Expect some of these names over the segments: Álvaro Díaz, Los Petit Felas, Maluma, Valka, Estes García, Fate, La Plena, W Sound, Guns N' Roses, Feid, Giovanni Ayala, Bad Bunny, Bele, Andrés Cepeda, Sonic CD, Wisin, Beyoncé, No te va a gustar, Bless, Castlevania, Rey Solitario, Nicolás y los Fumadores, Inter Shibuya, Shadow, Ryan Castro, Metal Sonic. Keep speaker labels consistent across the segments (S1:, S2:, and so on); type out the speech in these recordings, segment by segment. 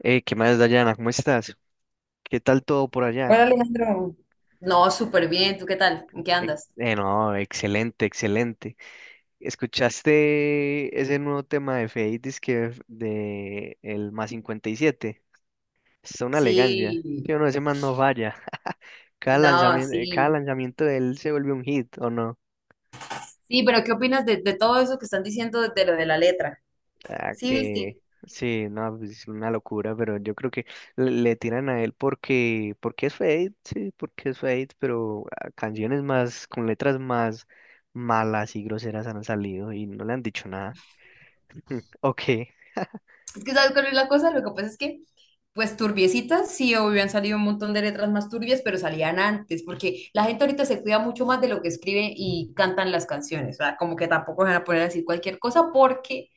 S1: ¿Qué más, Dayana? ¿Cómo estás? ¿Qué tal todo por
S2: Hola,
S1: allá?
S2: Alejandro. No, súper bien. ¿Tú qué tal? ¿En qué andas?
S1: No, excelente, excelente. ¿Escuchaste ese nuevo tema de Feid, que de el más 57? Es una elegancia.
S2: Sí,
S1: Yo no, ese man no falla.
S2: no,
S1: Cada
S2: sí.
S1: lanzamiento de él se vuelve un hit, ¿o no?
S2: Sí, pero ¿qué opinas de todo eso que están diciendo de lo de la letra?
S1: Ah,
S2: Sí, viste.
S1: que sí, no, pues, es una locura, pero yo creo que le tiran a él porque, es Fate, sí, porque es Fate, pero canciones más, con letras más malas y groseras han salido y no le han dicho nada. Ok,
S2: Es que ¿sabes cuál es la cosa? Lo que pasa es que, pues turbiecitas, sí, obvio, han salido un montón de letras más turbias, pero salían antes, porque la gente ahorita se cuida mucho más de lo que escribe y cantan las canciones. O sea, como que tampoco se van a poner a decir cualquier cosa porque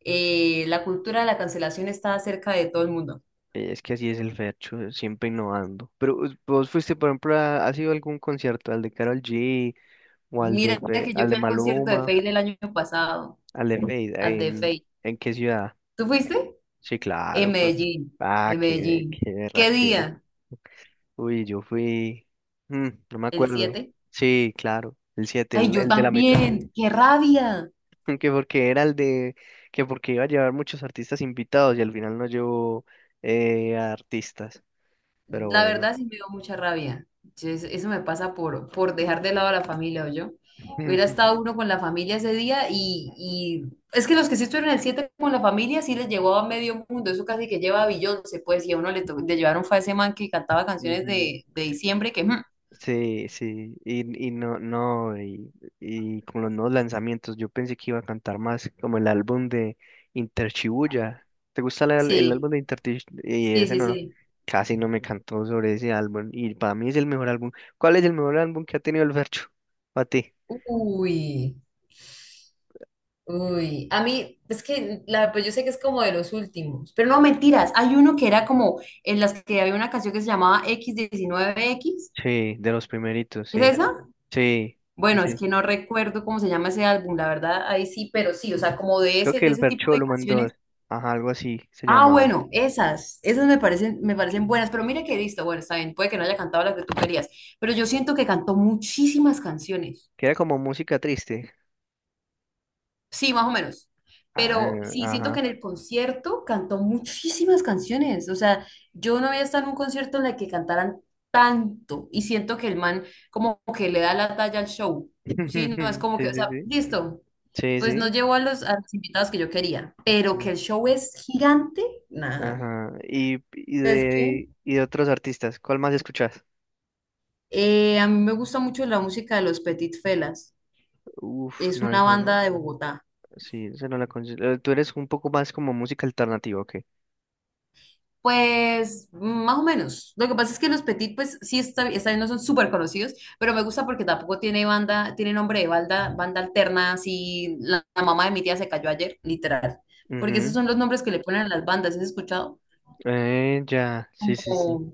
S2: la cultura de la cancelación está cerca de todo el mundo.
S1: es que así es el Fercho, siempre innovando. Pero vos fuiste, por ejemplo, a, ¿has ido a algún concierto, al de Karol G o al de,
S2: Mira que yo
S1: Al de
S2: fui al concierto de
S1: Maluma,
S2: Feid el año pasado,
S1: al de
S2: al
S1: Fate,
S2: de
S1: en,
S2: Feid.
S1: en qué ciudad?
S2: ¿Tú fuiste?
S1: Sí,
S2: En
S1: claro.
S2: Medellín,
S1: Ah,
S2: en
S1: qué,
S2: Medellín.
S1: qué
S2: ¿Qué
S1: berraquera.
S2: día?
S1: Uy, yo fui, no me
S2: ¿El
S1: acuerdo.
S2: 7?
S1: Sí, claro, el 7
S2: Ay,
S1: el,
S2: yo
S1: el de la mitad.
S2: también. ¡Qué rabia!
S1: Que porque era el de, que porque iba a llevar muchos artistas invitados y al final no llevó artistas. Pero
S2: La
S1: bueno.
S2: verdad sí me dio mucha rabia. Eso me pasa por dejar de lado a la familia, o yo. Hubiera estado uno con la familia ese día y es que los que sí estuvieron el 7 con la familia sí les llevó a medio mundo. Eso casi que lleva a Beyoncé, pues, y a uno le llevaron fue a ese man que cantaba canciones
S1: Ujú.
S2: de diciembre
S1: Sí, sí, y no, no, y con los nuevos lanzamientos, yo pensé que iba a cantar más como el álbum de Inter Shibuya. ¿Te gusta el
S2: Sí.
S1: álbum de Inter? Y
S2: Sí,
S1: ese
S2: sí,
S1: no, no,
S2: sí.
S1: casi no me cantó sobre ese álbum, y para mí es el mejor álbum. ¿Cuál es el mejor álbum que ha tenido el Fercho? Para ti.
S2: Uy, uy. A mí, es que pues yo sé que es como de los últimos, pero no mentiras. Hay uno que era como en las que había una canción que se llamaba x diecinueve equis.
S1: Sí, de los primeritos,
S2: ¿Es
S1: sí,
S2: esa?
S1: sí, sí,
S2: Bueno, es
S1: sí.
S2: que no recuerdo cómo se llama ese álbum, la verdad, ahí sí, pero sí, o sea, como de
S1: Creo
S2: ese,
S1: que
S2: de
S1: el
S2: ese tipo
S1: Fercho
S2: de
S1: lo mandó,
S2: canciones.
S1: ajá, algo así se
S2: Ah,
S1: llamaba,
S2: bueno, esas me parecen, me
S1: que,
S2: parecen buenas, pero mira que listo, bueno, está bien, puede que no haya cantado las que tú querías, pero yo siento que cantó muchísimas canciones.
S1: que era como música triste.
S2: Sí, más o menos.
S1: Ah,
S2: Pero sí, siento que
S1: ajá,
S2: en el concierto cantó muchísimas canciones. O sea, yo no había estado en un concierto en el que cantaran tanto. Y siento que el man como que le da la talla al show. Sí, no es como que,
S1: sí,
S2: o
S1: sí,
S2: sea,
S1: sí.
S2: listo.
S1: Sí,
S2: Pues no
S1: sí.
S2: llevó a los invitados que yo quería. Pero
S1: Mm.
S2: que el show es gigante, nada.
S1: Ajá. Y, y
S2: ¿Sabes qué?
S1: de y de otros artistas, ¿cuál más escuchas?
S2: A mí me gusta mucho la música de Los Petit Felas.
S1: Uf,
S2: Es
S1: no,
S2: una
S1: esa no-
S2: banda de Bogotá.
S1: sí, esa no la considero. Tú eres un poco más como música alternativa, ¿ok?
S2: Pues más o menos. Lo que pasa es que los Petit, pues sí, está bien, no son súper conocidos, pero me gusta porque tampoco tiene banda, tiene nombre de banda, banda alterna, así la mamá de mi tía se cayó ayer, literal. Porque esos
S1: Ujú.
S2: son los nombres que le ponen a las bandas, ¿has escuchado?
S1: Ya, sí, sí, sí.
S2: Como,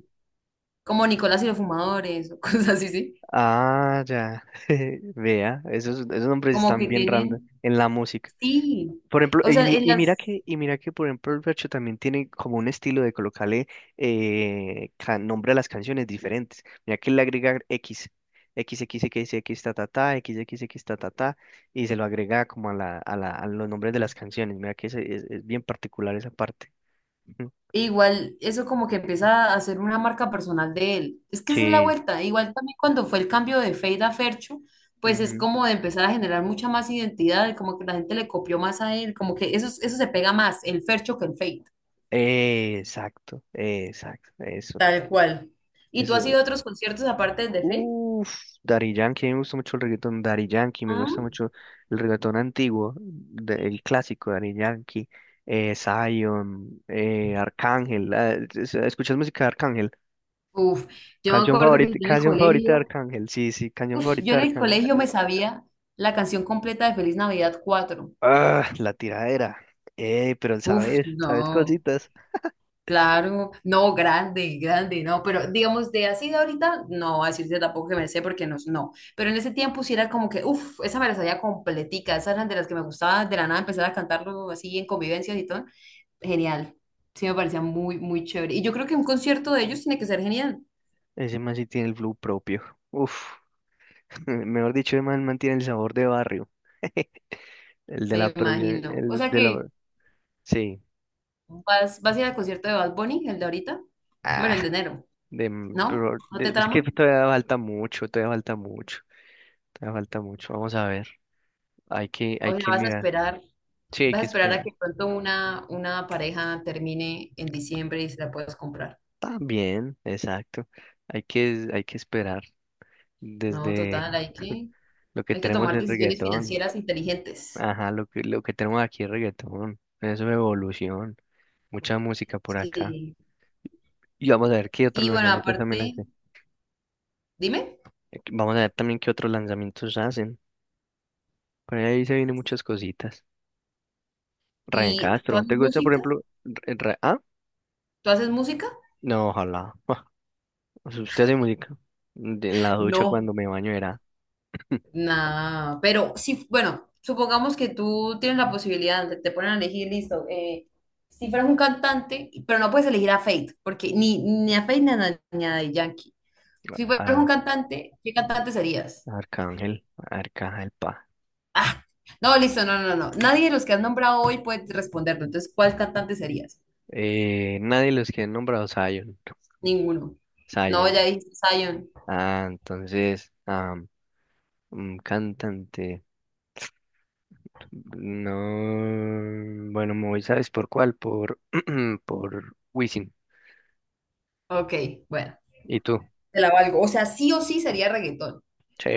S2: como Nicolás y los Fumadores, o cosas así, sí.
S1: Ah, ya. Vea, esos nombres
S2: Como
S1: están
S2: que
S1: bien random
S2: tienen,
S1: en la música.
S2: sí.
S1: Por ejemplo,
S2: O sea, en
S1: y mira
S2: las,
S1: que, y mira que, por ejemplo, el Fercho también tiene como un estilo de colocarle nombre a las canciones diferentes. Mira que él le agrega X, x x x X, ta, ta, ta, x x x ta, ta, ta, y se lo agrega como a los nombres de las canciones. Mira que es bien particular esa parte. Ujú.
S2: E Igual eso como que empieza a ser una marca personal de él. Es que esa es la
S1: Sí.
S2: vuelta. Igual también cuando fue el cambio de Fade a Fercho, pues es
S1: Ujú.
S2: como de empezar a generar mucha más identidad, como que la gente le copió más a él, como que eso se pega más, el Fercho que el Fade.
S1: Exacto, exacto, eso.
S2: Tal cual. ¿Y tú has
S1: Eso,
S2: ido a otros conciertos aparte del de Fade?
S1: Uff, Daddy Yankee, a mí me gusta mucho el reggaetón Daddy Yankee, me
S2: Ah.
S1: gusta mucho el reggaetón antiguo, el clásico Daddy Yankee, Zion, Arcángel. ¿Escuchas música de Arcángel?
S2: Uf, yo me acuerdo que
S1: Canción favorita de Arcángel, sí, sí, canción
S2: yo
S1: favorita de
S2: en el
S1: Arcángel.
S2: colegio me sabía la canción completa de Feliz Navidad 4.
S1: Ah, la tiradera. Pero
S2: Uf,
S1: sabes, sabes
S2: no.
S1: cositas.
S2: Claro, no, grande, grande, no, pero digamos de así de ahorita, no, a decirte tampoco que me sé porque no, no, pero en ese tiempo sí era como que, uff, esa me la sabía completica, esas eran de las que me gustaba de la nada empezar a cantarlo así en convivencias y todo, genial, sí me parecía muy, muy chévere, y yo creo que un concierto de ellos tiene que ser genial,
S1: Ese man sí tiene el flow propio. Uff, mejor dicho, el man mantiene el sabor de barrio. El de
S2: me
S1: la producción,
S2: imagino, o
S1: el
S2: sea
S1: de la...
S2: que
S1: Sí.
S2: vas a ir al concierto de Bad Bunny, el de ahorita, bueno, el de enero,
S1: De, mm,
S2: ¿no?
S1: pero
S2: ¿No te
S1: de- es que
S2: trama?
S1: todavía falta mucho, todavía falta mucho, todavía falta mucho. Vamos a ver, hay que,
S2: O
S1: hay
S2: sea,
S1: que
S2: vas a
S1: mirar.
S2: esperar.
S1: Sí, hay
S2: Vas a
S1: que
S2: esperar a
S1: esperar.
S2: que pronto una pareja termine en diciembre y se la puedas comprar.
S1: También, exacto. Hay que esperar
S2: No,
S1: desde
S2: total, hay que,
S1: lo que
S2: hay que
S1: tenemos
S2: tomar
S1: es
S2: decisiones
S1: reggaetón.
S2: financieras inteligentes.
S1: Ajá, lo que tenemos aquí es reggaetón. Eso es evolución. Mucha música por acá.
S2: Sí.
S1: Y vamos a ver qué otros
S2: Y bueno,
S1: lanzamientos también
S2: aparte,
S1: hacen.
S2: dime,
S1: Vamos a ver también qué otros lanzamientos hacen. Por ahí se vienen muchas cositas. Ryan
S2: ¿y tú
S1: Castro,
S2: haces
S1: ¿te gusta, por
S2: música?
S1: ejemplo? ¿Ah?
S2: ¿Tú haces música?
S1: No, ojalá. Usted hace música. En la ducha
S2: No.
S1: cuando me baño era
S2: Nada, pero sí, bueno, supongamos que tú tienes la posibilidad, te ponen a elegir, listo, si fueras un cantante, pero no puedes elegir a Fate, porque ni a Fate ni a Daddy Yankee. Si fueras un
S1: a
S2: cantante, ¿qué cantante serías?
S1: Arcángel, Arcángel Pa.
S2: Ah, no, listo, no, no, no. Nadie de los que has nombrado hoy puede responderlo. Entonces, ¿cuál cantante serías?
S1: Nadie de los que han nombrado Zion.
S2: Ninguno. No,
S1: Zion.
S2: ya dijiste Zion.
S1: Ah, entonces, un cantante. No, bueno, me voy, ¿sabes por cuál? Por, por Wisin.
S2: Ok, bueno,
S1: ¿Y tú?
S2: te la valgo. O sea, sí o sí sería reggaetón.
S1: Sí,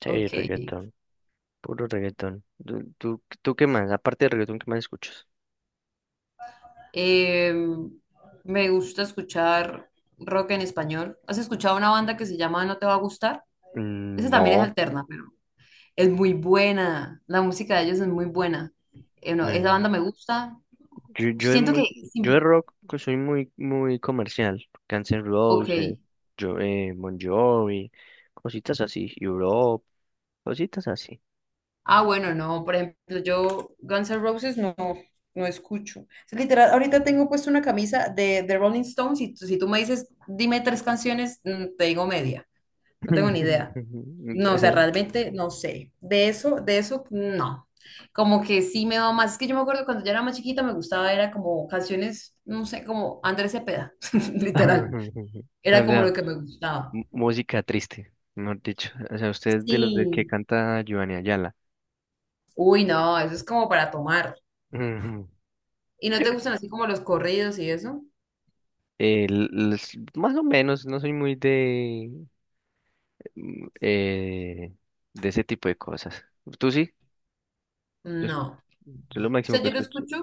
S1: sí,
S2: Ok.
S1: reggaetón. Puro reggaetón. ¿Tú qué más? Aparte de reggaetón, ¿qué más escuchas?
S2: Em, Me gusta escuchar rock en español. ¿Has escuchado una banda que se llama No te va a gustar? Esa
S1: Mm,
S2: también es
S1: No,
S2: alterna, pero es muy buena. La música de ellos es muy buena. No, esa
S1: no.
S2: banda me gusta.
S1: Yo, yo, de
S2: Siento
S1: mu-
S2: que
S1: yo de
S2: sí.
S1: rock que soy muy, muy comercial. Guns N'
S2: Ok.
S1: Roses, Bon Jovi, cositas así. Europe, cositas así.
S2: Ah, bueno, no, por ejemplo, yo Guns N' Roses no, no escucho. O sea, literal, ahorita tengo puesto una camisa de Rolling Stones y si tú me dices, dime tres canciones, te digo media. No tengo ni idea. No, o sea, realmente no sé. De eso, no. Como que sí me va más. Es que yo me acuerdo cuando yo era más chiquita me gustaba, era como canciones, no sé, como Andrés Cepeda, literal.
S1: O
S2: Era como
S1: sea,
S2: lo que me gustaba.
S1: música triste, mejor dicho. O sea, usted es de los de que
S2: Sí.
S1: canta Giovanni Ayala.
S2: Uy, no, eso es como para tomar.
S1: Ujú.
S2: ¿Y no te gustan así como los corridos y eso?
S1: Más o menos, no soy muy mm, eh, de ese tipo de cosas. ¿Tú sí? Yo, es-
S2: No. O
S1: yo lo máximo
S2: sea,
S1: que
S2: yo lo
S1: escucho.
S2: escucho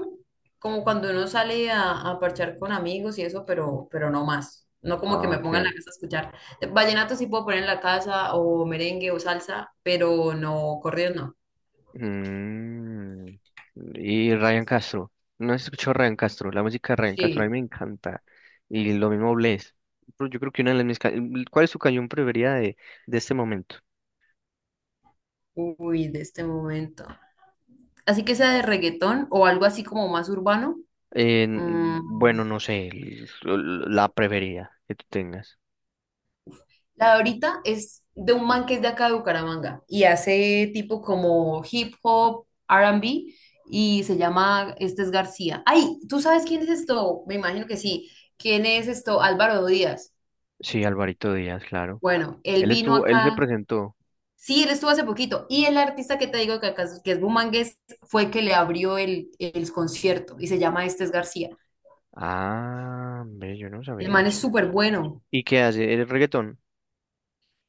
S2: como cuando uno sale a parchar con amigos y eso, pero no más. No como que
S1: Ah,
S2: me ponga en
S1: ok.
S2: la casa a escuchar. Vallenato sí puedo poner en la casa, o merengue o salsa, pero no, corridos no.
S1: Mm, y Ryan Castro. No has escuchado Ryan Castro. La música de Ryan Castro a mí
S2: Sí.
S1: me encanta. Y lo mismo Bless. Pero yo creo que una de las mis... ca- mm, ¿Cuál es su canción preferida de este momento?
S2: Uy, de este momento. Así que sea de reggaetón o algo así como más urbano. mm,
S1: Bueno, no sé. La preferida que tú tengas.
S2: La de ahorita es de un man que es de acá de Bucaramanga y hace tipo como hip hop, R&B y se llama, este es García. Ay, ¿tú sabes quién es esto? Me imagino que sí. ¿Quién es esto? Álvaro Díaz.
S1: Sí, Alvarito Díaz, claro.
S2: Bueno, él
S1: Él
S2: vino
S1: estuvo, él se
S2: acá.
S1: presentó.
S2: Sí, él estuvo hace poquito. Y el artista que te digo que, que es bumangués fue que le abrió el concierto y se llama Este es García.
S1: Ah, hombre, yo no
S2: El
S1: sabía
S2: man es
S1: eso.
S2: súper bueno.
S1: ¿Y qué hace? ¿El reggaetón?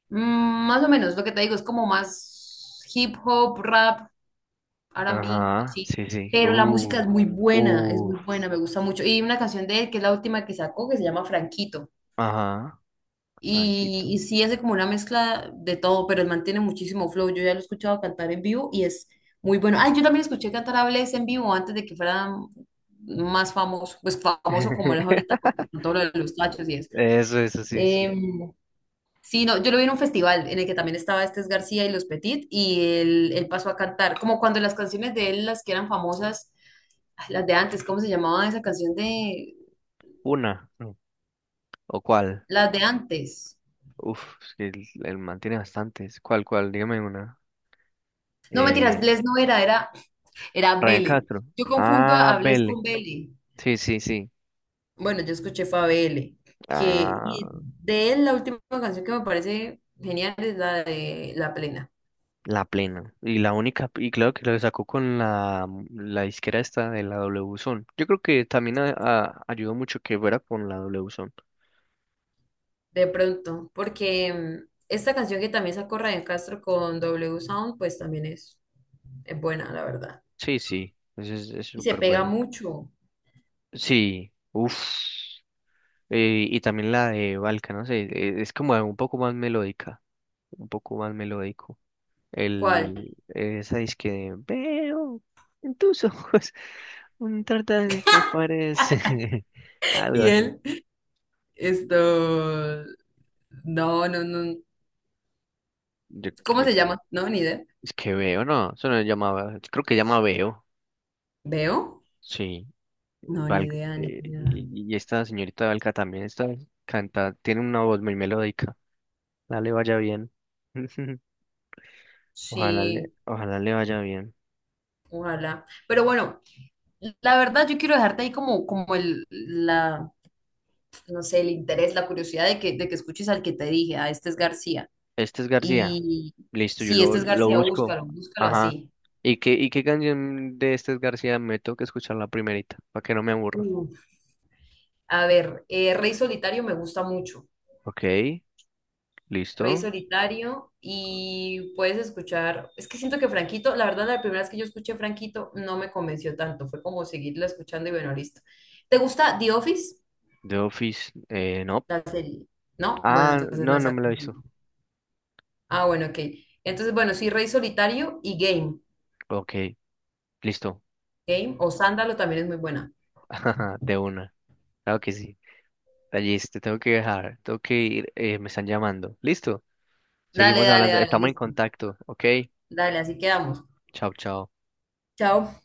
S2: Mm, más o menos, lo que te digo es como más hip hop, rap, R&B,
S1: Ajá,
S2: así.
S1: sí, sí.
S2: Pero la música es
S1: Uh,
S2: muy buena, me gusta mucho. Y una canción de él, que es la última que sacó, que se llama Franquito.
S1: ajá,
S2: Y,
S1: tranquilo.
S2: y sí hace como una mezcla de todo, pero él mantiene muchísimo flow. Yo ya lo he escuchado cantar en vivo y es muy bueno. Ay, yo también escuché cantar a Bless en vivo antes de que fuera más famoso, pues famoso como él es ahorita con todo lo de los tachos y eso.
S1: Eso, sí, sí.
S2: Em, sí, no, yo lo vi en un festival en el que también estaba Estes García y Los Petit y él pasó a cantar, como cuando las canciones de él, las que eran famosas. Ay, las de antes, ¿cómo se llamaba esa canción de
S1: Una. Mm. ¿O cuál?
S2: las de antes?
S1: Uf, es que él mantiene bastantes. ¿Cuál, cuál? Dígame una.
S2: No, mentiras,
S1: Eh,
S2: Bless no era
S1: Ryan
S2: Bele.
S1: Castro.
S2: Yo confundo a,
S1: Ah,
S2: a Bless
S1: Vele.
S2: con Bele.
S1: Sí, sí, sí.
S2: Bueno, yo escuché fue a Bele, que y
S1: Ah,
S2: de él la última canción que me parece genial es la de La Plena,
S1: la plena. Y la única, y claro que lo sacó con la disquera esta de la W Zone. Yo creo que también ayudó mucho que fuera con la W Zone.
S2: de pronto, porque esta canción que también sacó Ryan Castro con W Sound, pues también es buena, la verdad.
S1: Sí, sí. Eso es
S2: Y se
S1: súper
S2: pega
S1: bueno.
S2: mucho.
S1: Sí. Uf. Y también la de Valka, no sé, es como un poco más melódica, un poco más melódico.
S2: ¿Cuál?
S1: Esa disque veo en tus ojos un de que aparece, algo
S2: Y
S1: así.
S2: él, esto, no, no, no.
S1: Yo,
S2: ¿Cómo
S1: yo-
S2: se llama? No, ni idea.
S1: es que veo, no, eso no llamaba, creo que llama veo,
S2: ¿Veo?
S1: sí.
S2: No, ni
S1: Val-
S2: idea, ni
S1: eh,
S2: idea.
S1: y, y esta señorita Valka también está, canta, tiene una voz muy melódica. Ojalá le vaya bien. Ojalá le,
S2: Sí,
S1: ojalá le vaya bien.
S2: ojalá. Pero bueno, la verdad yo quiero dejarte ahí como el, la, no sé, el interés, la curiosidad de que escuches al que te dije, a este es García.
S1: Este es García.
S2: Y
S1: Listo, yo
S2: sí,
S1: lo,
S2: este es
S1: lo
S2: García,
S1: busco.
S2: búscalo, búscalo
S1: Ajá.
S2: así.
S1: ¿Y qué canción de Estes García me toca escuchar la primerita? Para que no me aburra.
S2: Uf. A ver, Rey Solitario me gusta mucho.
S1: Ok,
S2: Rey
S1: listo.
S2: Solitario y puedes escuchar, es que siento que Franquito, la verdad la primera vez que yo escuché Franquito no me convenció tanto, fue como seguirla escuchando y bueno, listo. ¿Te gusta The Office?
S1: The Office, no.
S2: La serie, ¿no? Bueno,
S1: Ah,
S2: entonces no
S1: no,
S2: es
S1: no me
S2: acá.
S1: lo he visto.
S2: Ah, bueno, ok. Entonces, bueno, sí, Rey Solitario y Game.
S1: Ok, listo.
S2: Game o Sándalo también es muy buena.
S1: De una. Claro que sí. Tallis, te tengo que dejar. Tengo que ir. Me están llamando. Listo.
S2: Dale,
S1: Seguimos
S2: dale,
S1: hablando.
S2: dale,
S1: Estamos en
S2: listo.
S1: contacto. Ok.
S2: Dale, así quedamos.
S1: Chao, chao.
S2: Chao.